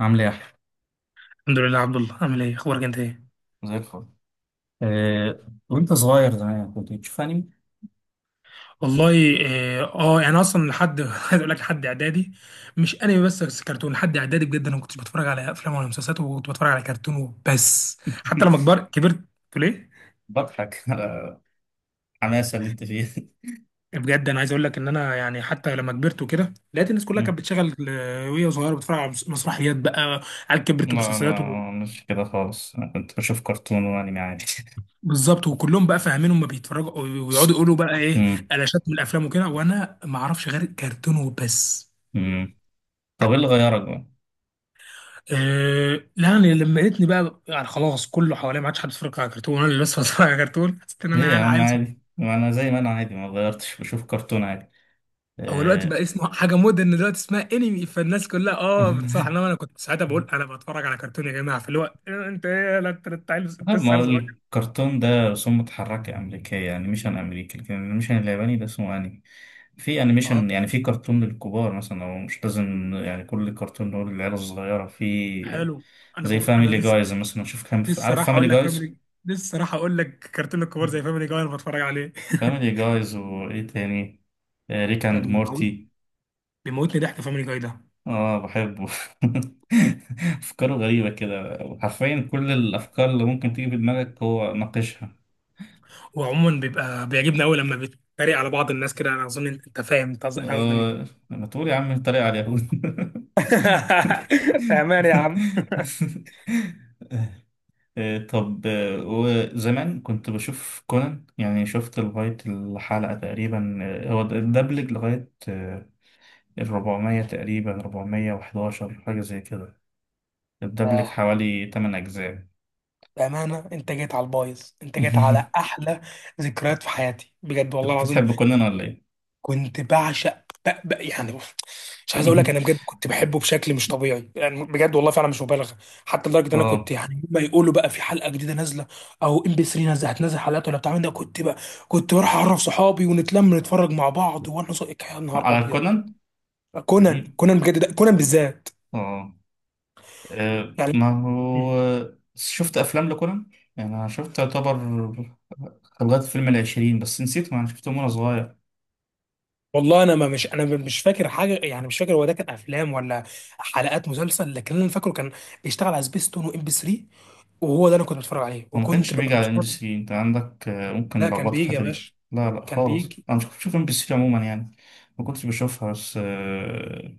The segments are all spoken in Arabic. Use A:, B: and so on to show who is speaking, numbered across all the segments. A: عامل ايه يا احمد؟
B: الحمد لله عبد الله، عامل ايه؟ اخبارك؟ انت ايه؟
A: زي الفل. وانت صغير زمان كنت بتشوف انمي؟
B: والله يعني اصلا لحد عايز اقول لك لحد اعدادي، مش انمي، بس كرتون لحد اعدادي. بجد انا ما كنتش بتفرج على افلام ولا مسلسلات، وكنت بتفرج على كرتون وبس. حتى لما كبرت تقول ايه؟
A: بضحك على الحماسة اللي انت فيها.
B: بجد انا عايز اقول لك ان انا، يعني حتى لما كبرت وكده، لقيت الناس كلها
A: مم.
B: كانت بتشغل وهي صغيره بتتفرج على مسرحيات بقى، على
A: لا
B: كبرت ومسلسلات
A: لا، مش كده خالص، انا كنت بشوف كرتون وانمي عادي.
B: بالظبط. وكلهم بقى فاهمين، هم بيتفرجوا ويقعدوا يقولوا بقى ايه،
A: مم.
B: قلاشات من الافلام وكده، وانا ما اعرفش غير كرتون وبس.
A: مم. طب ايه اللي غيرك بقى؟
B: أه لا، يعني لما لقيتني بقى، يعني خلاص كله حواليا ما عادش حد بيتفرج على كرتون، وانا اللي بس بتفرج على كرتون، حسيت ان
A: ليه
B: انا
A: يا
B: يعني
A: عم
B: عيل صغير.
A: عادي؟ ما انا زي ما انا عادي، ما غيرتش، بشوف كرتون عادي.
B: هو الوقت
A: آه.
B: بقى اسمه حاجه مودرن دلوقتي، اسمها انمي، فالناس كلها اه بتصراحه، انما انا كنت ساعتها بقول انا بتفرج على كرتون يا جماعه، في الوقت انت ايه لا انت، أنت عيل، أنت
A: لا، ما
B: لسه
A: هو
B: عيل صغير.
A: الكرتون ده رسوم متحركة أمريكية، يعني مش عن أمريكي، لكن الأنيميشن الياباني ده اسمه أنمي. في
B: اه
A: أنيميشن، يعني في كرتون للكبار مثلا، أو مش لازم يعني كل كرتون هو للعيلة الصغيرة. في
B: حلو.
A: زي
B: انا
A: فاميلي
B: لسه،
A: جايز مثلا، شوف كان
B: لسه
A: عارف
B: راح
A: فاميلي
B: اقول لك
A: جايز؟
B: فاميلي، لسه راح اقول لك كرتون الكبار زي فاميلي جاي، انا بتفرج عليه.
A: فاميلي جايز، وإيه تاني، ريك
B: ده
A: أند
B: بيموت،
A: مورتي.
B: بيموتني ضحك فاميلي جاي ده.
A: آه بحبه. أفكاره غريبة كده، حرفيا كل الأفكار اللي ممكن تيجي في دماغك هو ناقشها.
B: هو عموما بيبقى بيعجبني قوي لما بيتريق على بعض الناس كده. انا اظن انت فاهم انت أنا قصدي مين.
A: آه، انا طول يا عم الطريق على اليهود.
B: بأمانة يا عم.
A: آه، طب آه، وزمان كنت بشوف كونان، يعني شفت لغاية الحلقة تقريبا، هو الدبلج لغاية الربعمية تقريبا، ربعمية وحداشر حاجة زي كده. الدبلج
B: آه،
A: حوالي تمن أجزاء.
B: بأمانة، أنت جيت على البايظ، أنت جيت على
A: أنت
B: أحلى ذكريات في حياتي بجد والله
A: كنت
B: العظيم.
A: بتحب كونان ولا إيه؟
B: كنت بعشق يعني بص، مش عايز أقول لك، أنا بجد كنت بحبه بشكل مش طبيعي، يعني بجد والله فعلا مش مبالغة. حتى لدرجة إن أنا كنت
A: اه.
B: يعني ما يقولوا بقى في حلقة جديدة نازلة أو إم بي 3 نازلة، هتنزل حلقات ولا بتاع من ده، كنت بقى كنت بروح أعرف صحابي ونتلم نتفرج مع بعض، يا نهار
A: على
B: أبيض.
A: كونان؟
B: كونان،
A: غريب.
B: كونان بجد، ده كونان بالذات.
A: اه.
B: يعني
A: ما
B: مم.
A: هو شفت أفلام لكونان، يعني أنا شفت يعتبر لغاية فيلم العشرين، بس نسيته، ما أنا شفته وأنا صغير.
B: والله انا ما مش انا مش فاكر حاجه، يعني مش فاكر هو ده كان افلام ولا حلقات مسلسل، لكن اللي انا فاكره كان بيشتغل على سبيس تون وام بي 3، وهو ده انا كنت بتفرج عليه،
A: هو ما
B: وكنت
A: كانش
B: ببقى
A: بيجي على ام بي
B: مستمتع.
A: 3؟ أنت عندك ممكن
B: لا كان
A: لخبطة في
B: بيجي يا
A: الحتة دي.
B: باشا،
A: لا لا
B: كان
A: خالص،
B: بيجي.
A: أنا مش كنت بشوف ام بي 3 عموما يعني، ما كنتش بشوفها بس.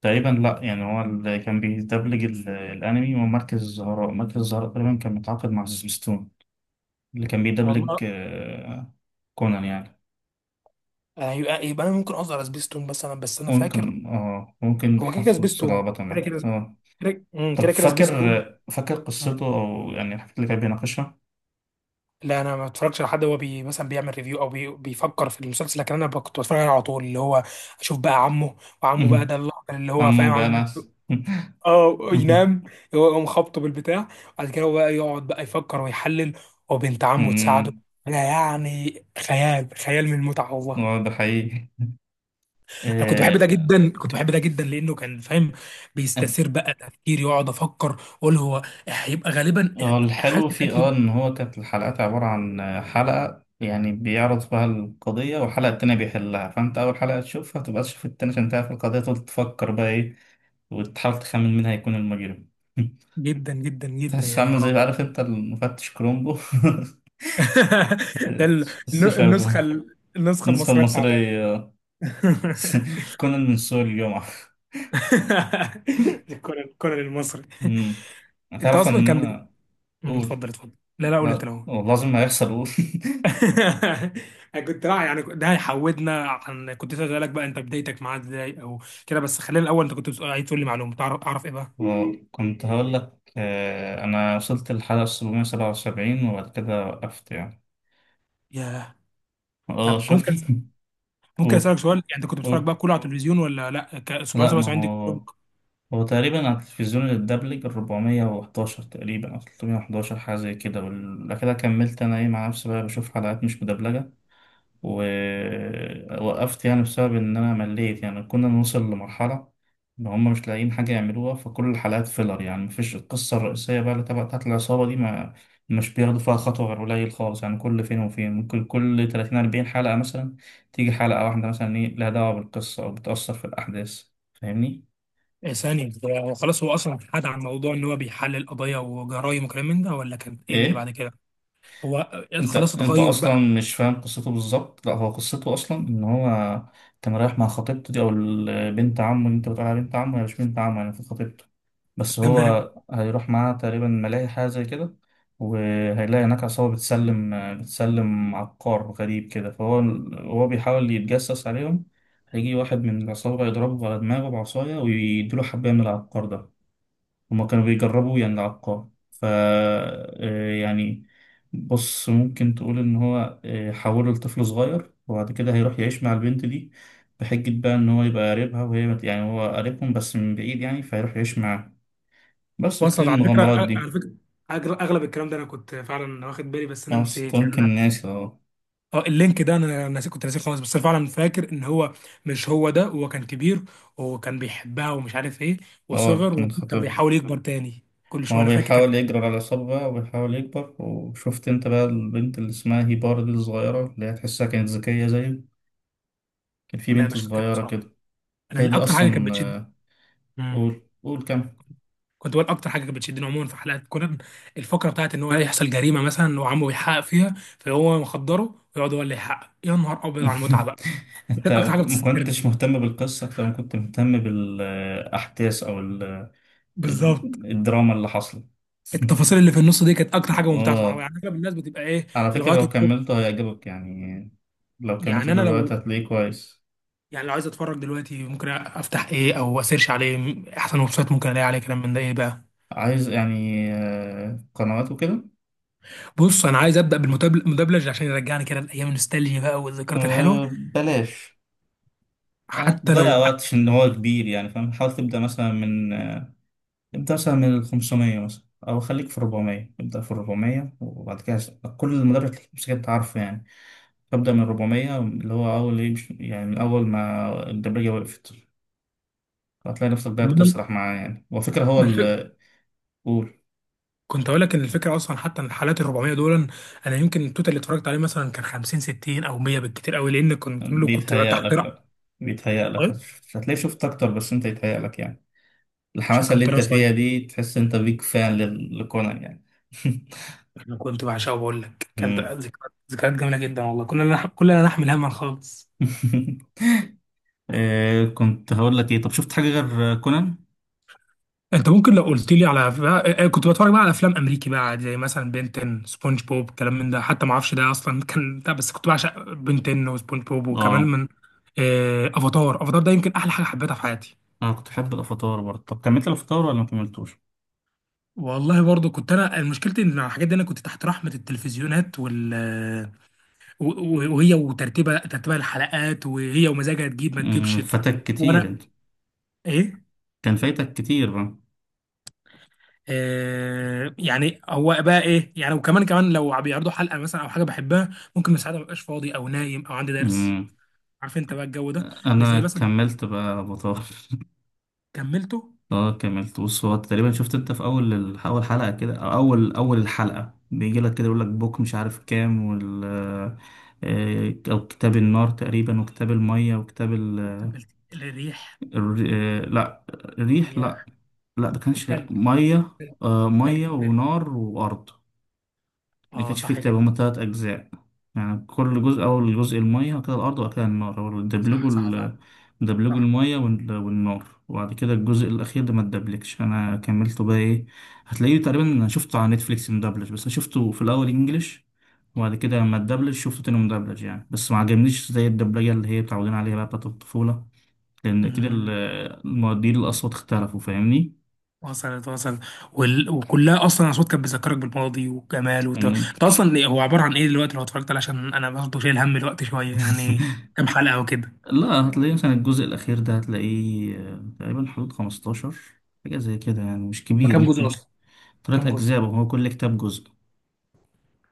A: تقريبا، لا، يعني هو اللي كان بيدبلج الأنمي هو مركز الزهراء، مركز الزهراء تقريبا كان متعاقد مع سيسمستون اللي كان
B: والله
A: بيدبلج كونان يعني.
B: يعني يبقى انا ممكن اقصد على سبيس تون مثلا، بس انا فاكر
A: ممكن، اه ممكن
B: هو كده كده
A: حصل
B: سبيس تون،
A: صلابة
B: كده
A: معاك
B: كده
A: اه.
B: كده مم،
A: طب
B: كده كده
A: فاكر،
B: سبيس تون.
A: فاكر قصته أو يعني الحاجات اللي كان بيناقشها؟
B: لا انا ما بتفرجش على حد هو بي مثلا بيعمل ريفيو، او بي بيفكر في المسلسل، لكن انا كنت بتفرج عليه على طول، اللي هو اشوف بقى عمه، وعمه بقى
A: مهم.
B: ده اللي هو
A: عمو
B: فاهم عامل نفسه
A: بأنس.
B: اه
A: مهم.
B: ينام. هو يقوم خبطه بالبتاع، بعد كده هو بقى يقعد بقى يفكر ويحلل، وبنت عمه تساعده.
A: مم.
B: انا يعني خيال، خيال من المتعه والله.
A: هو ده حقيقي.
B: انا كنت بحب ده
A: آه.
B: جدا، كنت بحب ده جدا لانه كان فاهم،
A: آه،
B: بيستثير بقى تفكير، يقعد افكر اقول هو هيبقى غالبا
A: هو
B: حاله
A: الحلو فيه اه
B: القتل.
A: إن هو كانت الحلقات عبارة عن حلقة يعني بيعرض فيها القضية، والحلقة التانية بيحلها، فأنت أول حلقة تشوفها تبقى تشوف التانية عشان تعرف القضية، تقعد تفكر بقى إيه وتحاول تخمن مين هيكون المجرم.
B: جدا جدا جدا
A: تحس
B: يا
A: عامل
B: نهار
A: زي،
B: ابيض.
A: عارف أنت، المفتش كرومبو.
B: ده ال-
A: السوشي.
B: النسخة النسخة
A: النسخة
B: المصرية التعبانة.
A: المصرية. كونان من سوق الجمعة.
B: الكونان، الكونان المصري.
A: امم.
B: انت
A: هتعرف
B: اصلا
A: ان
B: كان بت...
A: انا.
B: مم،
A: قول.
B: اتفضل اتفضل. لا لا قول انت
A: لا
B: الاول.
A: والله لازم هيحصل، قول.
B: أنا كنت، لا يعني ده هيحودنا عن، كنت اسالك بقى انت بدايتك معاه ازاي او كده، بس خلينا الاول، انت كنت عايز تقول لي معلومه تعرف، اعرف ايه بقى.
A: وكنت هقول لك انا وصلت للحلقة 777 وبعد كده وقفت يعني.
B: ياه.
A: اه
B: طب
A: شوف.
B: ممكن ممكن
A: قول.
B: اسالك سؤال، يعني انت كنت بتتفرج
A: قول.
B: بقى كله على التلفزيون ولا لا،
A: لا، ما
B: 777 دي؟
A: هو هو تقريبا على التلفزيون الدبلج 411 تقريبا، او 311 حاجة زي كده، ولا كده كملت انا ايه مع نفسي بقى، بشوف حلقات مش مدبلجة. ووقفت يعني بسبب إن أنا مليت، يعني كنا نوصل لمرحلة إن هما مش لاقيين حاجة يعملوها، فكل الحلقات فيلر، يعني مفيش القصة الرئيسية بقى اللي تبع بتاعت العصابة دي، ما مش بياخدوا فيها خطوة غير قليل خالص، يعني كل فين وفين ممكن، كل 30 40 حلقة مثلا تيجي حلقة واحدة مثلا إيه لها دعوة بالقصة أو بتأثر في الأحداث. فاهمني؟
B: إيه ثانية، هو خلاص هو أصلا حاد عن موضوع إن هو بيحلل قضايا وجرايم وكلام من ده، ولا كان إيه اللي
A: إيه؟
B: بعد كده؟ هو
A: انت
B: خلاص
A: انت
B: اتغير
A: اصلا
B: بقى.
A: مش فاهم قصته بالظبط. لا هو قصته اصلا ان هو كان رايح مع خطيبته دي، او بنت عمه، اللي انت بتقول عليها بنت عمه، هي مش بنت عمه يعني، في خطيبته، بس
B: تمام.
A: هو هيروح معاها تقريبا ملاهي حاجه زي كده، وهيلاقي هناك عصابه بتسلم عقار غريب كده، فهو هو بيحاول يتجسس عليهم، هيجي واحد من العصابه يضربه على دماغه بعصايه ويديله حبايه من العقار ده. هما كانوا بيجربوا يعني العقاب، ف آه، يعني بص ممكن تقول ان هو حوله لطفل صغير، وبعد كده هيروح يعيش مع البنت دي بحجة بقى ان هو يبقى قريبها، وهي يعني هو قريبهم بس من بعيد يعني، فهيروح يعيش معاها، بس بتبتدي
B: وصلت على فكرة،
A: المغامرات
B: على
A: دي.
B: فكرة. أغلب الكلام ده أنا كنت فعلا واخد بالي، بس أنا نسيت
A: اصلا
B: يعني،
A: كان
B: أنا
A: ناسي اه.
B: أه اللينك ده أنا ناسي، كنت ناسيه خالص، بس أنا فعلا فاكر إن هو، مش هو ده، هو كان كبير، وكان بيحبها ومش عارف إيه،
A: اه
B: وصغر
A: كان
B: وكان
A: خاطبها،
B: بيحاول يكبر تاني كل
A: ما
B: شوية،
A: هو
B: أنا فاكر كان.
A: بيحاول يجرر على العصابة بقى، وبيحاول يكبر. وشفت انت بقى البنت اللي اسمها هيبار دي الصغيرة، اللي هي تحسها كانت ذكية زيه، كان في
B: لا
A: بنت
B: مش فاكر
A: صغيرة
B: بصراحة.
A: كده. هي
B: أنا
A: دي
B: أكتر حاجة كانت
A: أصلا
B: بتشد.
A: آه.
B: مم.
A: قول، قول كم.
B: كنت بقول اكتر حاجه كانت بتشدني عموما في حلقات كونان، الفقره بتاعت ان هو يحصل جريمه مثلا، وعمه بيحقق فيها، فهو مخدره ويقعد هو اللي يحقق. يا نهار ابيض على المتعه بقى. دي
A: انت
B: كانت اكتر حاجه
A: ما
B: بتستسرني.
A: كنتش مهتم بالقصة اكتر ما كنت مهتم بالاحداث او
B: بالظبط،
A: الدراما اللي حصلت.
B: التفاصيل اللي في النص دي كانت اكتر حاجه ممتعه صراحه،
A: اه،
B: يعني اغلب الناس بتبقى ايه،
A: على فكرة
B: الغايات
A: لو
B: الكبرى.
A: كملته هيعجبك يعني، لو كملته
B: يعني انا
A: دلوقتي
B: لو،
A: هتلاقيه كويس.
B: يعني لو عايز اتفرج دلوقتي، ممكن افتح ايه او اسيرش عليه، احسن ويب سايت ممكن الاقي عليه كلام من ده ايه بقى؟
A: عايز يعني قنوات وكده؟
B: بص انا عايز ابدا بالمدبلج عشان يرجعني كده لايام النوستالجيا بقى، والذكريات الحلوه،
A: بلاش،
B: حتى لو.
A: هتضيع وقت عشان هو كبير يعني، فاهم، حاول تبدأ مثلا من، ابدأ مثلا من ال 500 مثلا، أو خليك في 400، ابدأ في 400 وبعد كده كل المدرب تمسك عارفه يعني. ابدأ من 400، اللي هو أول إيه يعني من أول ما الدبلجة وقفت، هتلاقي نفسك بقى بتسرح معاه يعني، وفكرة هو
B: ما أنا-
A: اللي. قول.
B: كنت اقول لك ان الفكره اصلا، حتى ان الحالات ال 400 دول، انا يمكن التوتال اللي اتفرجت عليه مثلا كان 50 60 او 100 بالكتير قوي، لان كنت كله كنت
A: بيتهيأ
B: تحت
A: لك
B: رأي.
A: لأ، بيتهيأ لك، هتلاقي شفت أكتر، بس أنت يتهيأ لك يعني،
B: عشان
A: الحماسة اللي
B: كنت
A: أنت
B: انا
A: فيها
B: صغير.
A: دي تحس أنت بيك فان لكونان يعني.
B: انا كنت بعشقه، بقول لك كانت
A: مم.
B: ذكريات، ذكريات جميله جدا والله. كنا لا كلنا نحمل هما خالص.
A: كنت هقول لك إيه، طب شفت حاجة غير كونان؟
B: انت ممكن لو قلت لي على بقى، كنت بتفرج بقى على افلام امريكي بقى عادي، زي مثلا بنتن، سبونج بوب، كلام من ده، حتى ما اعرفش ده اصلا كان ده، بس كنت بعشق بنتن وسبونج بوب، وكمان
A: آه،
B: من افاتار. افاتار ده يمكن احلى حاجه حبيتها في حياتي.
A: انا كنت بحب الافاتار برضه، طب كملت الافاتار ولا ما كملتوش؟
B: والله برضه كنت انا مشكلتي ان الحاجات دي انا كنت تحت رحمه التلفزيونات وال، و وهي وترتيبها، ترتيبها الحلقات، وهي ومزاجها تجيب ما
A: أمم،
B: تجيبش.
A: فاتك كتير
B: وانا
A: انت،
B: ايه؟
A: كان فايتك كتير بقى.
B: آه يعني هو بقى ايه يعني، وكمان كمان لو بيعرضوا حلقه مثلا او حاجه بحبها، ممكن من ساعتها مبقاش فاضي، او نايم، او عندي درس.
A: أمم.
B: عارف انت بقى الجو ده. مش
A: انا
B: زي مثلا.
A: كملت بقى الافاتار.
B: كملته.
A: اه كملت، بص، هو تقريبا شفت انت في اول اول حلقه كده، او اول اول الحلقه، بيجي لك كده يقول لك بوك مش عارف كام، وال آه، او كتاب النار تقريبا، وكتاب الميه، وكتاب
B: وكملت الريح،
A: الر- آه، لا الريح، لا،
B: الرياح
A: لا ده كانش
B: والتلج،
A: ميه.
B: التلج،
A: ميه
B: التلج،
A: ونار وارض، اللي
B: اه
A: كانش فيه
B: صح
A: كتاب،
B: كده.
A: هما تلات أجزاء، يعني كل جزء، أول جزء المية، وبعد كده الأرض، وبعد كده النار، هو
B: صح
A: دبلجوا
B: صح فعلا.
A: دبلجوا
B: صح.
A: المية والنار، وبعد كده الجزء الأخير ده ما اتدبلجش. أنا كملته بقى إيه، هتلاقيه تقريبا، أنا شفته على نتفليكس مدبلج، بس أنا شفته في الأول إنجليش، وبعد كده لما اتدبلج شفته تاني مدبلج يعني، بس ما عجبنيش زي الدبلجة اللي هي متعودين عليها بقى بتاعت الطفولة، لأن كده
B: امم.
A: المؤدين الأصوات اختلفوا. فاهمني؟
B: وصلت، وصلت. وكلها اصلا اصوات كانت بتذكرك بالماضي وجمال انت اصلا هو عباره عن ايه دلوقتي لو اتفرجت عليه؟ عشان انا برضه شايل هم الوقت شويه يعني، كام حلقه وكده؟
A: لا، هتلاقيه مثلا الجزء الأخير ده هتلاقيه تقريبا حدود 15 حاجة زي كده يعني، مش
B: ما
A: كبير،
B: كام جزء
A: ممكن
B: اصلا؟
A: تلات
B: كام جزء؟
A: أجزاء، وهو كل كتاب جزء.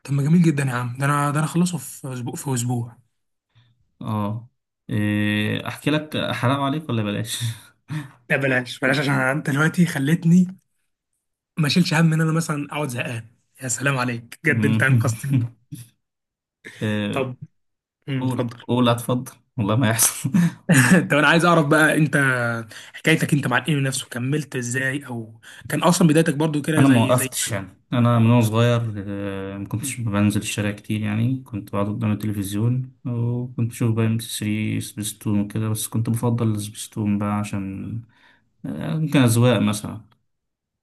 B: طب ما جميل جدا يا عم، ده انا، ده انا اخلصه في اسبوع، في اسبوع.
A: اه. إيه، أحكي لك حرام عليك ولا بلاش؟
B: لا بلاش، بلاش عشان انت دلوقتي خلتني ما اشيلش هم ان انا مثلا اقعد زهقان. يا سلام عليك بجد، انت انقذتني.
A: إيه،
B: طب. أمم،
A: قول،
B: اتفضل.
A: قول اتفضل، والله ما يحصل.
B: طب انا عايز اعرف بقى انت، حكايتك انت مع الانمي نفسه كملت ازاي، او كان اصلا بدايتك برضو كده
A: أنا ما
B: زي،
A: وقفتش يعني، أنا من وأنا صغير ما كنتش بنزل الشارع كتير يعني، كنت بقعد قدام التلفزيون، وكنت بشوف بقى ام بي 3 سبيستون وكده، بس كنت بفضل السبيستون بقى عشان ممكن أذواق مثلا،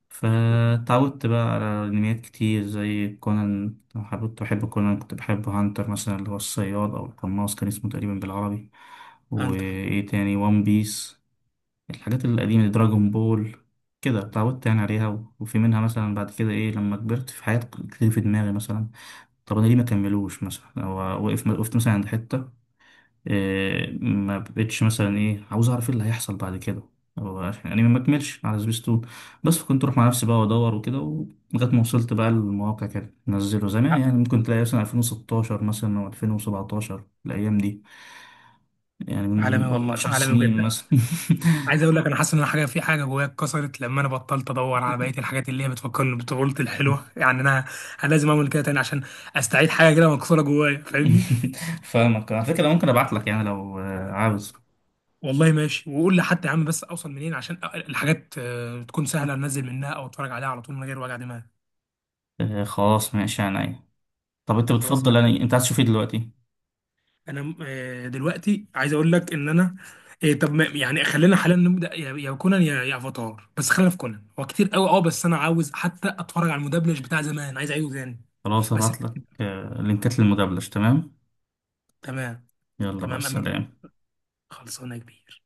A: فتعودت بقى على انميات كتير زي كونان. لو حبيت بحب كونان، كنت بحب هانتر مثلا، اللي هو الصياد او القناص كان اسمه تقريبا بالعربي،
B: زي.
A: وايه تاني، وان بيس، الحاجات القديمة دي، دراجون بول. كده اتعودت يعني عليها، وفي منها مثلا بعد كده ايه لما كبرت، في حاجات كتير في دماغي مثلا، طب انا ليه ما كملوش مثلا، هو وقف وقفت مثلا عند حتة، ما بقتش مثلا ايه عاوز اعرف ايه اللي هيحصل بعد كده. هو عشان يعني ما مكملش على سبيستون، بس كنت اروح مع نفسي بقى وادور وكده لغايه ما وصلت بقى للمواقع، كده نزله زمان يعني
B: ع-
A: ممكن تلاقي مثلا 2016 مثلا، او 2017 الايام دي، يعني
B: عالمي
A: من قول من
B: والله،
A: 10
B: عالمي
A: سنين
B: بجد.
A: مثلا.
B: عايز اقول لك انا حاسس ان أنا حاجه، في حاجه جوايا اتكسرت لما انا بطلت ادور على بقيه الحاجات اللي هي بتفكرني بطفولتي الحلوه. يعني انا، انا لازم اعمل كده تاني عشان استعيد حاجه كده مكسوره جوايا، فاهمني.
A: فاهمك. على فكره ممكن ابعت لك يعني، لو عاوز.
B: والله ماشي، وقول لي حتى يا عم، بس اوصل منين عشان الحاجات تكون سهله انزل منها او اتفرج عليها على طول من غير وجع دماغ.
A: خلاص ماشي يعني، عينيا. طب انت
B: خلاص.
A: بتفضل يعني، انت عايز تشوف ايه دلوقتي؟
B: انا دلوقتي عايز اقول لك ان انا، طب يعني خلينا حاليا نبدا يا يا كونان يا يا افاتار، بس خلينا في كونان. هو كتير قوي اه، بس انا عاوز حتى اتفرج على المدبلج بتاع زمان، عايز اعيده تاني.
A: خلاص
B: بس
A: هبعت لك
B: الترتيب.
A: لينكات للمدبلج. تمام.
B: تمام.
A: يلا بقى،
B: تمام. امين.
A: السلام.
B: خلصانه يا كبير.